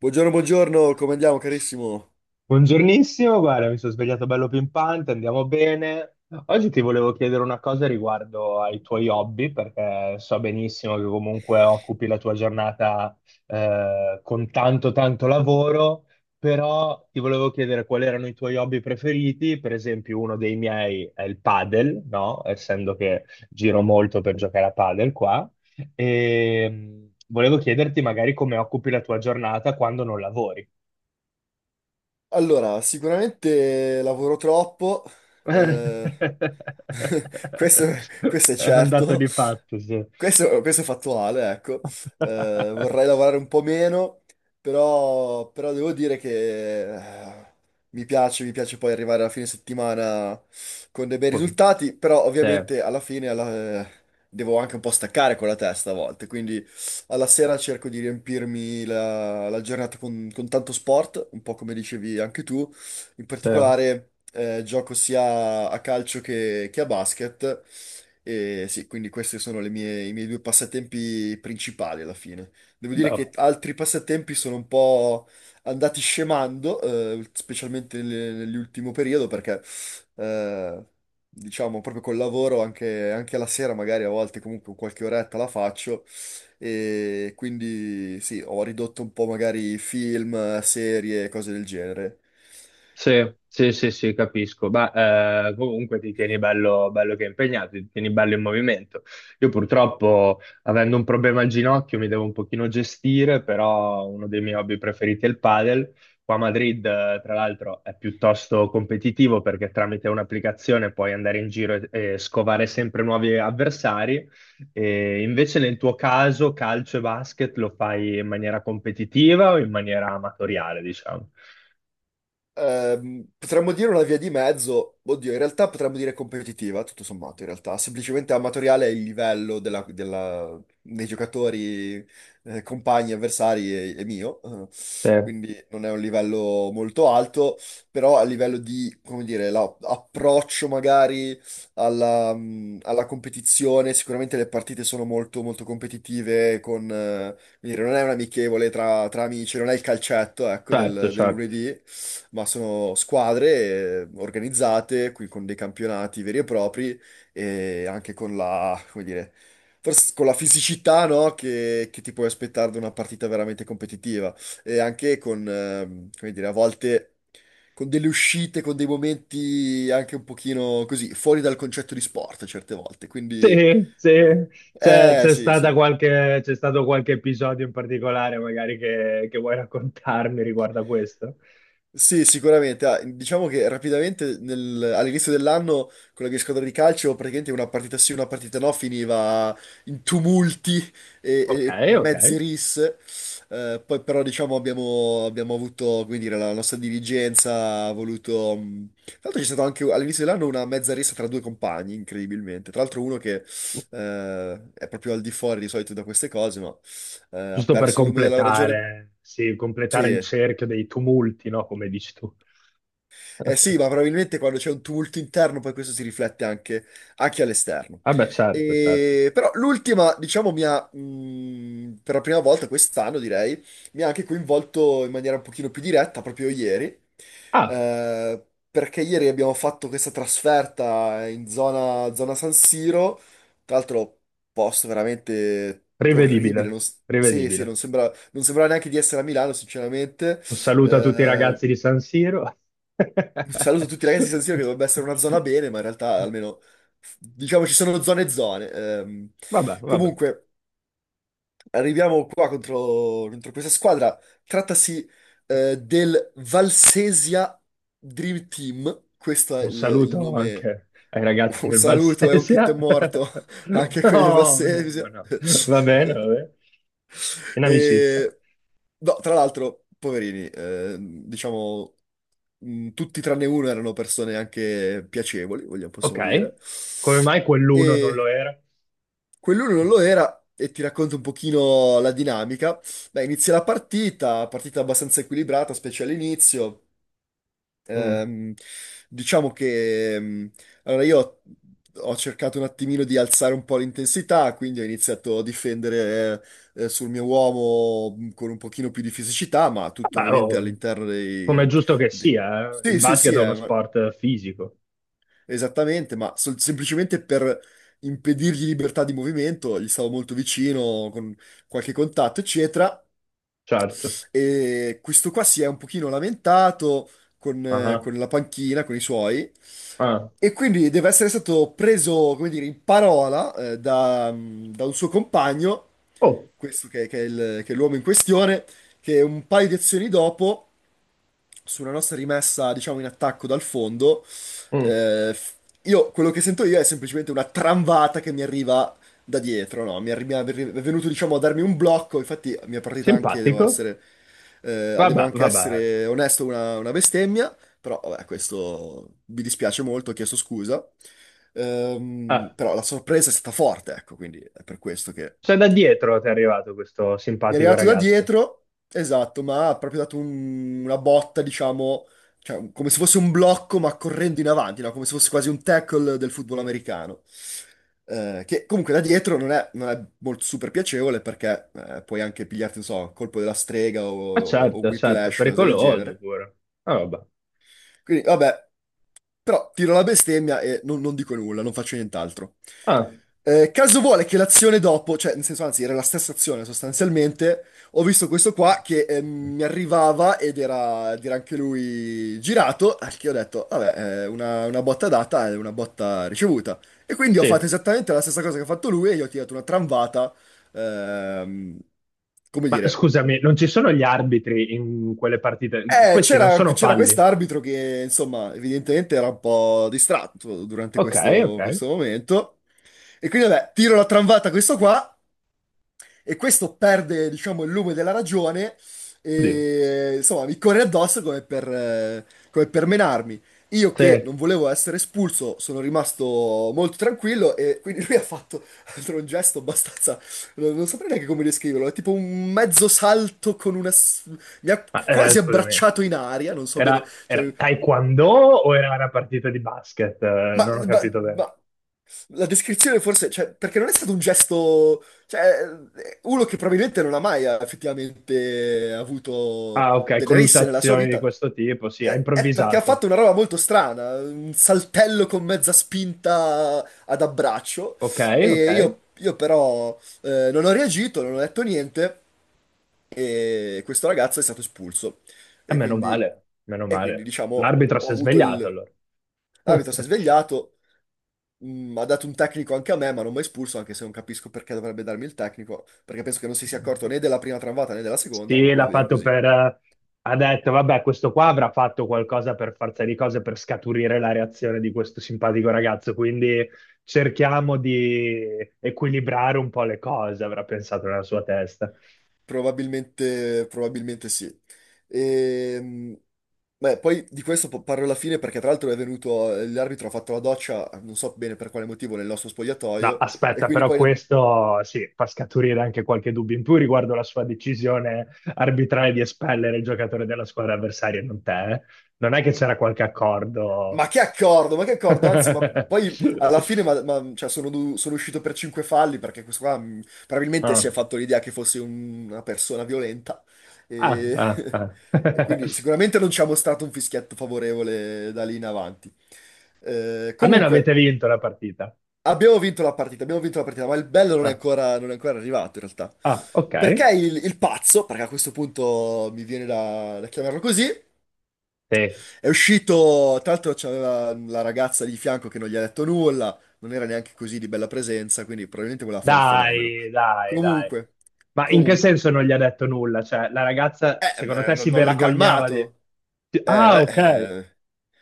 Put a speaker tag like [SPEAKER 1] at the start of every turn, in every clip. [SPEAKER 1] Buongiorno, buongiorno, come andiamo carissimo?
[SPEAKER 2] Buongiornissimo, guarda, mi sono svegliato bello pimpante, andiamo bene. Oggi ti volevo chiedere una cosa riguardo ai tuoi hobby, perché so benissimo che comunque occupi la tua giornata con tanto lavoro, però ti volevo chiedere quali erano i tuoi hobby preferiti. Per esempio, uno dei miei è il padel, no? Essendo che giro molto per giocare a padel qua. E volevo chiederti magari come occupi la tua giornata quando non lavori.
[SPEAKER 1] Allora, sicuramente lavoro troppo, eh,
[SPEAKER 2] È
[SPEAKER 1] Questo, questo è
[SPEAKER 2] un dato
[SPEAKER 1] certo,
[SPEAKER 2] di fatto, sì.
[SPEAKER 1] questo è fattuale, ecco. Vorrei lavorare un po' meno, però devo dire che mi piace poi arrivare alla fine settimana con dei bei risultati, però
[SPEAKER 2] Cioè,
[SPEAKER 1] ovviamente devo anche un po' staccare con la testa a volte, quindi alla sera cerco di riempirmi la giornata con tanto sport, un po' come dicevi anche tu, in
[SPEAKER 2] sì,
[SPEAKER 1] particolare gioco sia a calcio che a basket. E sì, quindi questi sono le mie- i miei due passatempi principali alla fine. Devo dire che
[SPEAKER 2] no.
[SPEAKER 1] altri passatempi sono un po' andati scemando, specialmente nell'ultimo periodo, perché eh, diciamo proprio col lavoro anche la sera, magari a volte comunque qualche oretta la faccio. E quindi sì, ho ridotto un po' magari film, serie, cose del genere.
[SPEAKER 2] Sì, sì, sì, sì, capisco, ma comunque ti tieni bello, bello che è impegnato, ti tieni bello in movimento. Io purtroppo, avendo un problema al ginocchio, mi devo un pochino gestire, però uno dei miei hobby preferiti è il padel. Qua a Madrid, tra l'altro, è piuttosto competitivo perché tramite un'applicazione puoi andare in giro e scovare sempre nuovi avversari. E invece nel tuo caso, calcio e basket lo fai in maniera competitiva o in maniera amatoriale, diciamo?
[SPEAKER 1] Potremmo dire una via di mezzo, oddio, in realtà potremmo dire competitiva, tutto sommato, in realtà, semplicemente amatoriale è il livello dei giocatori, compagni, avversari e mio,
[SPEAKER 2] Sì.
[SPEAKER 1] quindi non è un livello molto alto, però a livello di, come dire, approccio magari alla, alla competizione, sicuramente le partite sono molto, molto competitive, con, quindi non è un amichevole tra amici, non è il calcetto, ecco,
[SPEAKER 2] Certo,
[SPEAKER 1] del
[SPEAKER 2] certo.
[SPEAKER 1] lunedì, ma sono squadre organizzate, qui con dei campionati veri e propri e anche con la, come dire, forse con la fisicità, no, che ti puoi aspettare da una partita veramente competitiva e anche con, come dire, a volte... Con delle uscite, con dei momenti anche un pochino così, fuori dal concetto di sport certe volte, quindi
[SPEAKER 2] Sì, sì. C'è c'è
[SPEAKER 1] sì,
[SPEAKER 2] stata
[SPEAKER 1] sì.
[SPEAKER 2] qualche, c'è stato qualche episodio in particolare magari che vuoi raccontarmi riguardo a questo?
[SPEAKER 1] Sì, sicuramente. Ah, diciamo che rapidamente all'inizio dell'anno con la mia squadra di calcio praticamente una partita sì, una partita no finiva in tumulti
[SPEAKER 2] Ok,
[SPEAKER 1] e
[SPEAKER 2] ok.
[SPEAKER 1] mezze risse. Poi però diciamo abbiamo avuto, come dire, la nostra dirigenza ha voluto... tra l'altro c'è stata anche all'inizio dell'anno una mezza rissa tra due compagni, incredibilmente. Tra l'altro uno che è proprio al di fuori di solito da queste cose, ma ha
[SPEAKER 2] Giusto per
[SPEAKER 1] perso il lume della ragione.
[SPEAKER 2] completare, sì, completare il
[SPEAKER 1] Sì.
[SPEAKER 2] cerchio dei tumulti, no? Come dici tu.
[SPEAKER 1] Eh sì, ma probabilmente quando c'è un tumulto interno poi questo si riflette anche all'esterno.
[SPEAKER 2] Vabbè, certo, certo.
[SPEAKER 1] Però l'ultima, diciamo, per la prima volta quest'anno direi, mi ha anche coinvolto in maniera un pochino più diretta proprio ieri,
[SPEAKER 2] Ah,
[SPEAKER 1] eh, perché ieri abbiamo fatto questa trasferta in zona San Siro, tra l'altro posto veramente
[SPEAKER 2] rivedibile,
[SPEAKER 1] orribile, non, s- sì, sì,
[SPEAKER 2] rivedibile.
[SPEAKER 1] non sembrava neanche di essere a Milano, sinceramente.
[SPEAKER 2] Un saluto a tutti i
[SPEAKER 1] Eh,
[SPEAKER 2] ragazzi di San Siro.
[SPEAKER 1] un saluto a tutti i ragazzi di San Siro che dovrebbe essere una zona bene, ma in realtà almeno diciamo ci sono zone e zone.
[SPEAKER 2] Vabbè, vabbè.
[SPEAKER 1] Comunque, arriviamo qua contro questa squadra. Trattasi del Valsesia Dream Team. Questo è
[SPEAKER 2] Un
[SPEAKER 1] il
[SPEAKER 2] saluto
[SPEAKER 1] nome.
[SPEAKER 2] anche ai ragazzi
[SPEAKER 1] Un
[SPEAKER 2] del
[SPEAKER 1] saluto e un kit è
[SPEAKER 2] Valsesia.
[SPEAKER 1] morto anche a quelli del
[SPEAKER 2] No, no,
[SPEAKER 1] Valsesia.
[SPEAKER 2] no. Va bene, va bene. In amicizia.
[SPEAKER 1] E- No, tra l'altro, poverini, diciamo, tutti tranne uno erano persone anche piacevoli, vogliamo,
[SPEAKER 2] Ok.
[SPEAKER 1] possiamo dire.
[SPEAKER 2] Come mai quell'uno non
[SPEAKER 1] E
[SPEAKER 2] lo era?
[SPEAKER 1] quell'uno non lo era, e ti racconto un pochino la dinamica. Beh, inizia la partita, partita abbastanza equilibrata, specie all'inizio.
[SPEAKER 2] Mm.
[SPEAKER 1] Ehm, diciamo che allora io ho cercato un attimino di alzare un po' l'intensità, quindi ho iniziato a difendere sul mio uomo con un pochino più di fisicità, ma tutto
[SPEAKER 2] Vabbè,
[SPEAKER 1] ovviamente
[SPEAKER 2] oh,
[SPEAKER 1] all'interno
[SPEAKER 2] come è giusto che
[SPEAKER 1] dei-
[SPEAKER 2] sia, eh. Il
[SPEAKER 1] sì, sì, sì,
[SPEAKER 2] basket è uno sport fisico,
[SPEAKER 1] esattamente, ma semplicemente per impedirgli libertà di movimento, gli stavo molto vicino con qualche contatto, eccetera.
[SPEAKER 2] certo.
[SPEAKER 1] E questo qua si è un pochino lamentato
[SPEAKER 2] Ah,
[SPEAKER 1] con la panchina, con i suoi,
[SPEAKER 2] ah.
[SPEAKER 1] e quindi deve essere stato preso, come dire, in parola, da un suo compagno,
[SPEAKER 2] Oh,
[SPEAKER 1] questo che è che è l'uomo in questione, che un paio di azioni dopo su una nostra rimessa, diciamo, in attacco dal fondo,
[SPEAKER 2] mm.
[SPEAKER 1] eh, f- io quello che sento io è semplicemente una tramvata che mi arriva da dietro, no? È venuto, diciamo, a darmi un blocco, infatti la mia partita anche,
[SPEAKER 2] Simpatico.
[SPEAKER 1] devo
[SPEAKER 2] Vabbè,
[SPEAKER 1] anche
[SPEAKER 2] vabbè.
[SPEAKER 1] essere onesto, una bestemmia, però vabbè, questo mi dispiace molto, ho chiesto scusa.
[SPEAKER 2] Ah,
[SPEAKER 1] Però la sorpresa è stata forte, ecco, quindi è per questo che...
[SPEAKER 2] cioè da dietro ti è arrivato questo
[SPEAKER 1] Mi è
[SPEAKER 2] simpatico
[SPEAKER 1] arrivato da
[SPEAKER 2] ragazzo.
[SPEAKER 1] dietro, esatto, ma ha proprio dato una botta, diciamo, cioè, come se fosse un blocco, ma correndo in avanti, no? Come se fosse quasi un tackle del football americano. Che comunque da dietro non è molto super piacevole perché puoi anche pigliarti, non so, colpo della strega
[SPEAKER 2] Ah,
[SPEAKER 1] o
[SPEAKER 2] certo, certo,
[SPEAKER 1] whiplash, cose del
[SPEAKER 2] pericoloso
[SPEAKER 1] genere.
[SPEAKER 2] pure. Ah, vabbè.
[SPEAKER 1] Quindi, vabbè. Però tiro la bestemmia e non dico nulla, non faccio nient'altro.
[SPEAKER 2] Ah,
[SPEAKER 1] Caso vuole che l'azione dopo, cioè nel senso anzi era la stessa azione sostanzialmente, ho visto questo qua che mi arrivava ed era anche lui girato, al che ho detto, vabbè, una botta data è una botta ricevuta. E quindi ho fatto
[SPEAKER 2] sì.
[SPEAKER 1] esattamente la stessa cosa che ha fatto lui e gli ho tirato una tramvata, ehm, come
[SPEAKER 2] Ma
[SPEAKER 1] dire,
[SPEAKER 2] scusami, non ci sono gli arbitri in quelle partite? Questi non sono
[SPEAKER 1] c'era
[SPEAKER 2] falli.
[SPEAKER 1] quest'arbitro che, insomma, evidentemente era un po' distratto durante
[SPEAKER 2] Ok, ok.
[SPEAKER 1] questo momento. E quindi, vabbè, tiro la tramvata a questo qua e questo perde, diciamo, il lume della ragione
[SPEAKER 2] Oddio.
[SPEAKER 1] e insomma mi corre addosso come per menarmi. Io che
[SPEAKER 2] Sì.
[SPEAKER 1] non volevo essere espulso sono rimasto molto tranquillo e quindi lui ha fatto altro un gesto abbastanza, non saprei neanche come descriverlo, è tipo un mezzo salto con una... mi ha
[SPEAKER 2] Ma
[SPEAKER 1] quasi
[SPEAKER 2] scusami,
[SPEAKER 1] abbracciato in aria, non so bene,
[SPEAKER 2] era
[SPEAKER 1] cioè
[SPEAKER 2] taekwondo o era una partita di basket?
[SPEAKER 1] ma,
[SPEAKER 2] Non ho
[SPEAKER 1] ma-
[SPEAKER 2] capito bene.
[SPEAKER 1] ma- la descrizione forse, cioè, perché non è stato un gesto, cioè, uno che probabilmente non ha mai effettivamente avuto
[SPEAKER 2] Ah, ok,
[SPEAKER 1] delle risse nella sua
[SPEAKER 2] colluttazioni di
[SPEAKER 1] vita,
[SPEAKER 2] questo tipo, sì, ha
[SPEAKER 1] è perché ha
[SPEAKER 2] improvvisato.
[SPEAKER 1] fatto una roba molto strana, un saltello con mezza spinta ad abbraccio,
[SPEAKER 2] Ok, ok.
[SPEAKER 1] e
[SPEAKER 2] E
[SPEAKER 1] io però non ho reagito, non ho detto niente, e questo ragazzo è stato espulso, e
[SPEAKER 2] meno
[SPEAKER 1] quindi,
[SPEAKER 2] male, meno
[SPEAKER 1] e quindi
[SPEAKER 2] male.
[SPEAKER 1] diciamo,
[SPEAKER 2] L'arbitro
[SPEAKER 1] ho
[SPEAKER 2] si è
[SPEAKER 1] avuto
[SPEAKER 2] svegliato
[SPEAKER 1] il...
[SPEAKER 2] allora.
[SPEAKER 1] L'arbitro si è svegliato. Mm, ha dato un tecnico anche a me, ma non mi ha espulso, anche se non capisco perché dovrebbe darmi il tecnico, perché penso che non si sia accorto né della prima tramvata né della seconda, ma
[SPEAKER 2] Sì,
[SPEAKER 1] va
[SPEAKER 2] l'ha
[SPEAKER 1] bene
[SPEAKER 2] fatto
[SPEAKER 1] così.
[SPEAKER 2] per... ha detto, vabbè, questo qua avrà fatto qualcosa per forza di cose per scaturire la reazione di questo simpatico ragazzo, quindi cerchiamo di equilibrare un po' le cose, avrà pensato nella sua testa.
[SPEAKER 1] Probabilmente, probabilmente sì. E, beh, poi di questo parlo alla fine perché tra l'altro è venuto, l'arbitro ha fatto la doccia, non so bene per quale motivo, nel nostro
[SPEAKER 2] No,
[SPEAKER 1] spogliatoio, e
[SPEAKER 2] aspetta,
[SPEAKER 1] quindi
[SPEAKER 2] però
[SPEAKER 1] poi
[SPEAKER 2] questo sì, fa scaturire anche qualche dubbio in più riguardo la sua decisione arbitrale di espellere il giocatore della squadra avversaria, non te. Eh? Non è che c'era qualche accordo?
[SPEAKER 1] ma che accordo, ma che accordo, anzi, ma poi alla fine cioè, sono uscito per cinque falli perché questo qua probabilmente si
[SPEAKER 2] Ah.
[SPEAKER 1] è fatto l'idea che fossi una persona violenta
[SPEAKER 2] Ah,
[SPEAKER 1] e,
[SPEAKER 2] ah, ah.
[SPEAKER 1] e quindi sicuramente non ci ha mostrato un fischietto favorevole da lì in avanti.
[SPEAKER 2] Almeno avete
[SPEAKER 1] Comunque,
[SPEAKER 2] vinto la partita.
[SPEAKER 1] abbiamo vinto la partita, abbiamo vinto la partita, ma il bello
[SPEAKER 2] Ah,
[SPEAKER 1] non è ancora arrivato in realtà.
[SPEAKER 2] ah, ok.
[SPEAKER 1] Perché il pazzo, perché a questo punto mi viene da chiamarlo così,
[SPEAKER 2] Sì.
[SPEAKER 1] è uscito, tra l'altro c'aveva la ragazza di fianco che non gli ha detto nulla, non era neanche così di bella presenza, quindi probabilmente voleva fare il fenomeno.
[SPEAKER 2] Dai, dai, dai.
[SPEAKER 1] Comunque,
[SPEAKER 2] Ma in che
[SPEAKER 1] comunque.
[SPEAKER 2] senso non gli ha detto nulla? Cioè, la ragazza, secondo
[SPEAKER 1] Beh,
[SPEAKER 2] te, si
[SPEAKER 1] non l'ha
[SPEAKER 2] vergognava di...
[SPEAKER 1] calmato. Eh,
[SPEAKER 2] Ah,
[SPEAKER 1] eh,
[SPEAKER 2] ok.
[SPEAKER 1] eh,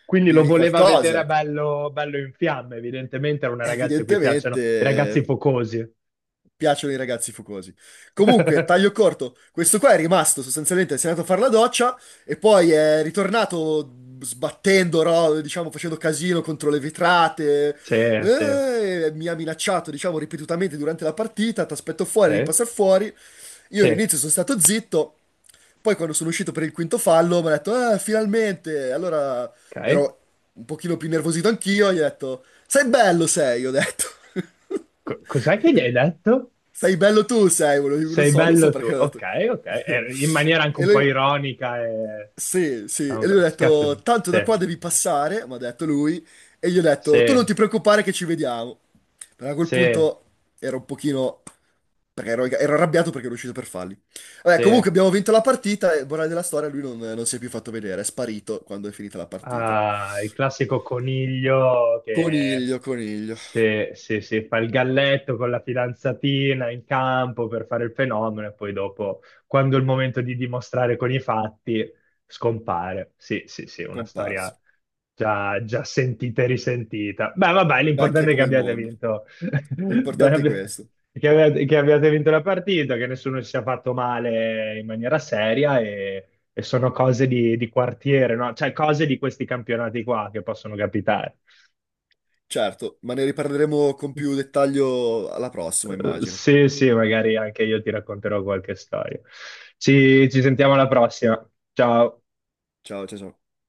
[SPEAKER 2] Quindi lo
[SPEAKER 1] dirgli
[SPEAKER 2] voleva vedere
[SPEAKER 1] qualcosa.
[SPEAKER 2] bello, bello in fiamme. Evidentemente era una ragazza a cui
[SPEAKER 1] Evidentemente,
[SPEAKER 2] piacciono i ragazzi focosi.
[SPEAKER 1] piacciono i ragazzi fucosi. Comunque, taglio corto, questo qua è rimasto sostanzialmente, si è andato a fare la doccia e poi è ritornato sbattendo, diciamo, facendo casino contro le vetrate.
[SPEAKER 2] Sì, sì,
[SPEAKER 1] Mi ha minacciato, diciamo, ripetutamente durante la partita, ti aspetto
[SPEAKER 2] sì,
[SPEAKER 1] fuori, ripassa fuori. Io
[SPEAKER 2] sì.
[SPEAKER 1] all'inizio sono stato zitto, poi quando sono uscito per il quinto fallo mi ha detto, "Ah, finalmente!" Allora
[SPEAKER 2] Ok.
[SPEAKER 1] ero un pochino più nervosito anch'io, gli ho detto, sei bello sei, ho detto.
[SPEAKER 2] Cos'è che gli hai detto?
[SPEAKER 1] Sei bello tu, volevo- non
[SPEAKER 2] Sei
[SPEAKER 1] so, non so
[SPEAKER 2] bello tu,
[SPEAKER 1] perché ho
[SPEAKER 2] ok,
[SPEAKER 1] detto.
[SPEAKER 2] ok, eh, in maniera anche un
[SPEAKER 1] E
[SPEAKER 2] po'
[SPEAKER 1] lui,
[SPEAKER 2] ironica e...
[SPEAKER 1] sì, sì,
[SPEAKER 2] diciamo,
[SPEAKER 1] e lui ha detto,
[SPEAKER 2] scazzo,
[SPEAKER 1] tanto
[SPEAKER 2] sì,
[SPEAKER 1] da qua devi passare, mi ha detto lui, e gli ho detto, tu non
[SPEAKER 2] sì,
[SPEAKER 1] ti preoccupare che ci vediamo. Però a quel
[SPEAKER 2] sì,
[SPEAKER 1] punto ero un pochino, perché ero arrabbiato perché ero uscito per falli. Vabbè, comunque
[SPEAKER 2] sì,
[SPEAKER 1] abbiamo vinto la partita, e morale della storia, lui non si è più fatto vedere, è sparito quando è finita la partita.
[SPEAKER 2] ah, il classico coniglio che
[SPEAKER 1] Coniglio, coniglio,
[SPEAKER 2] se fa il galletto con la fidanzatina in campo per fare il fenomeno e poi dopo, quando è il momento di dimostrare con i fatti, scompare. Sì, sì, sì, una storia
[SPEAKER 1] comparso,
[SPEAKER 2] già, già sentita e risentita. Beh, vabbè,
[SPEAKER 1] vecchia
[SPEAKER 2] l'importante è che
[SPEAKER 1] come il
[SPEAKER 2] abbiate
[SPEAKER 1] mondo.
[SPEAKER 2] vinto. Che
[SPEAKER 1] L'importante è
[SPEAKER 2] abbi-
[SPEAKER 1] questo.
[SPEAKER 2] che abbiate, che abbiate vinto la partita, che nessuno si sia fatto male in maniera seria e sono cose di quartiere, no? Cioè cose di questi campionati qua che possono capitare.
[SPEAKER 1] Certo, ma ne riparleremo con più dettaglio alla prossima, immagino.
[SPEAKER 2] Sì, sì, magari anche io ti racconterò qualche storia. Ci sentiamo alla prossima. Ciao.
[SPEAKER 1] Ciao, ciao, ciao.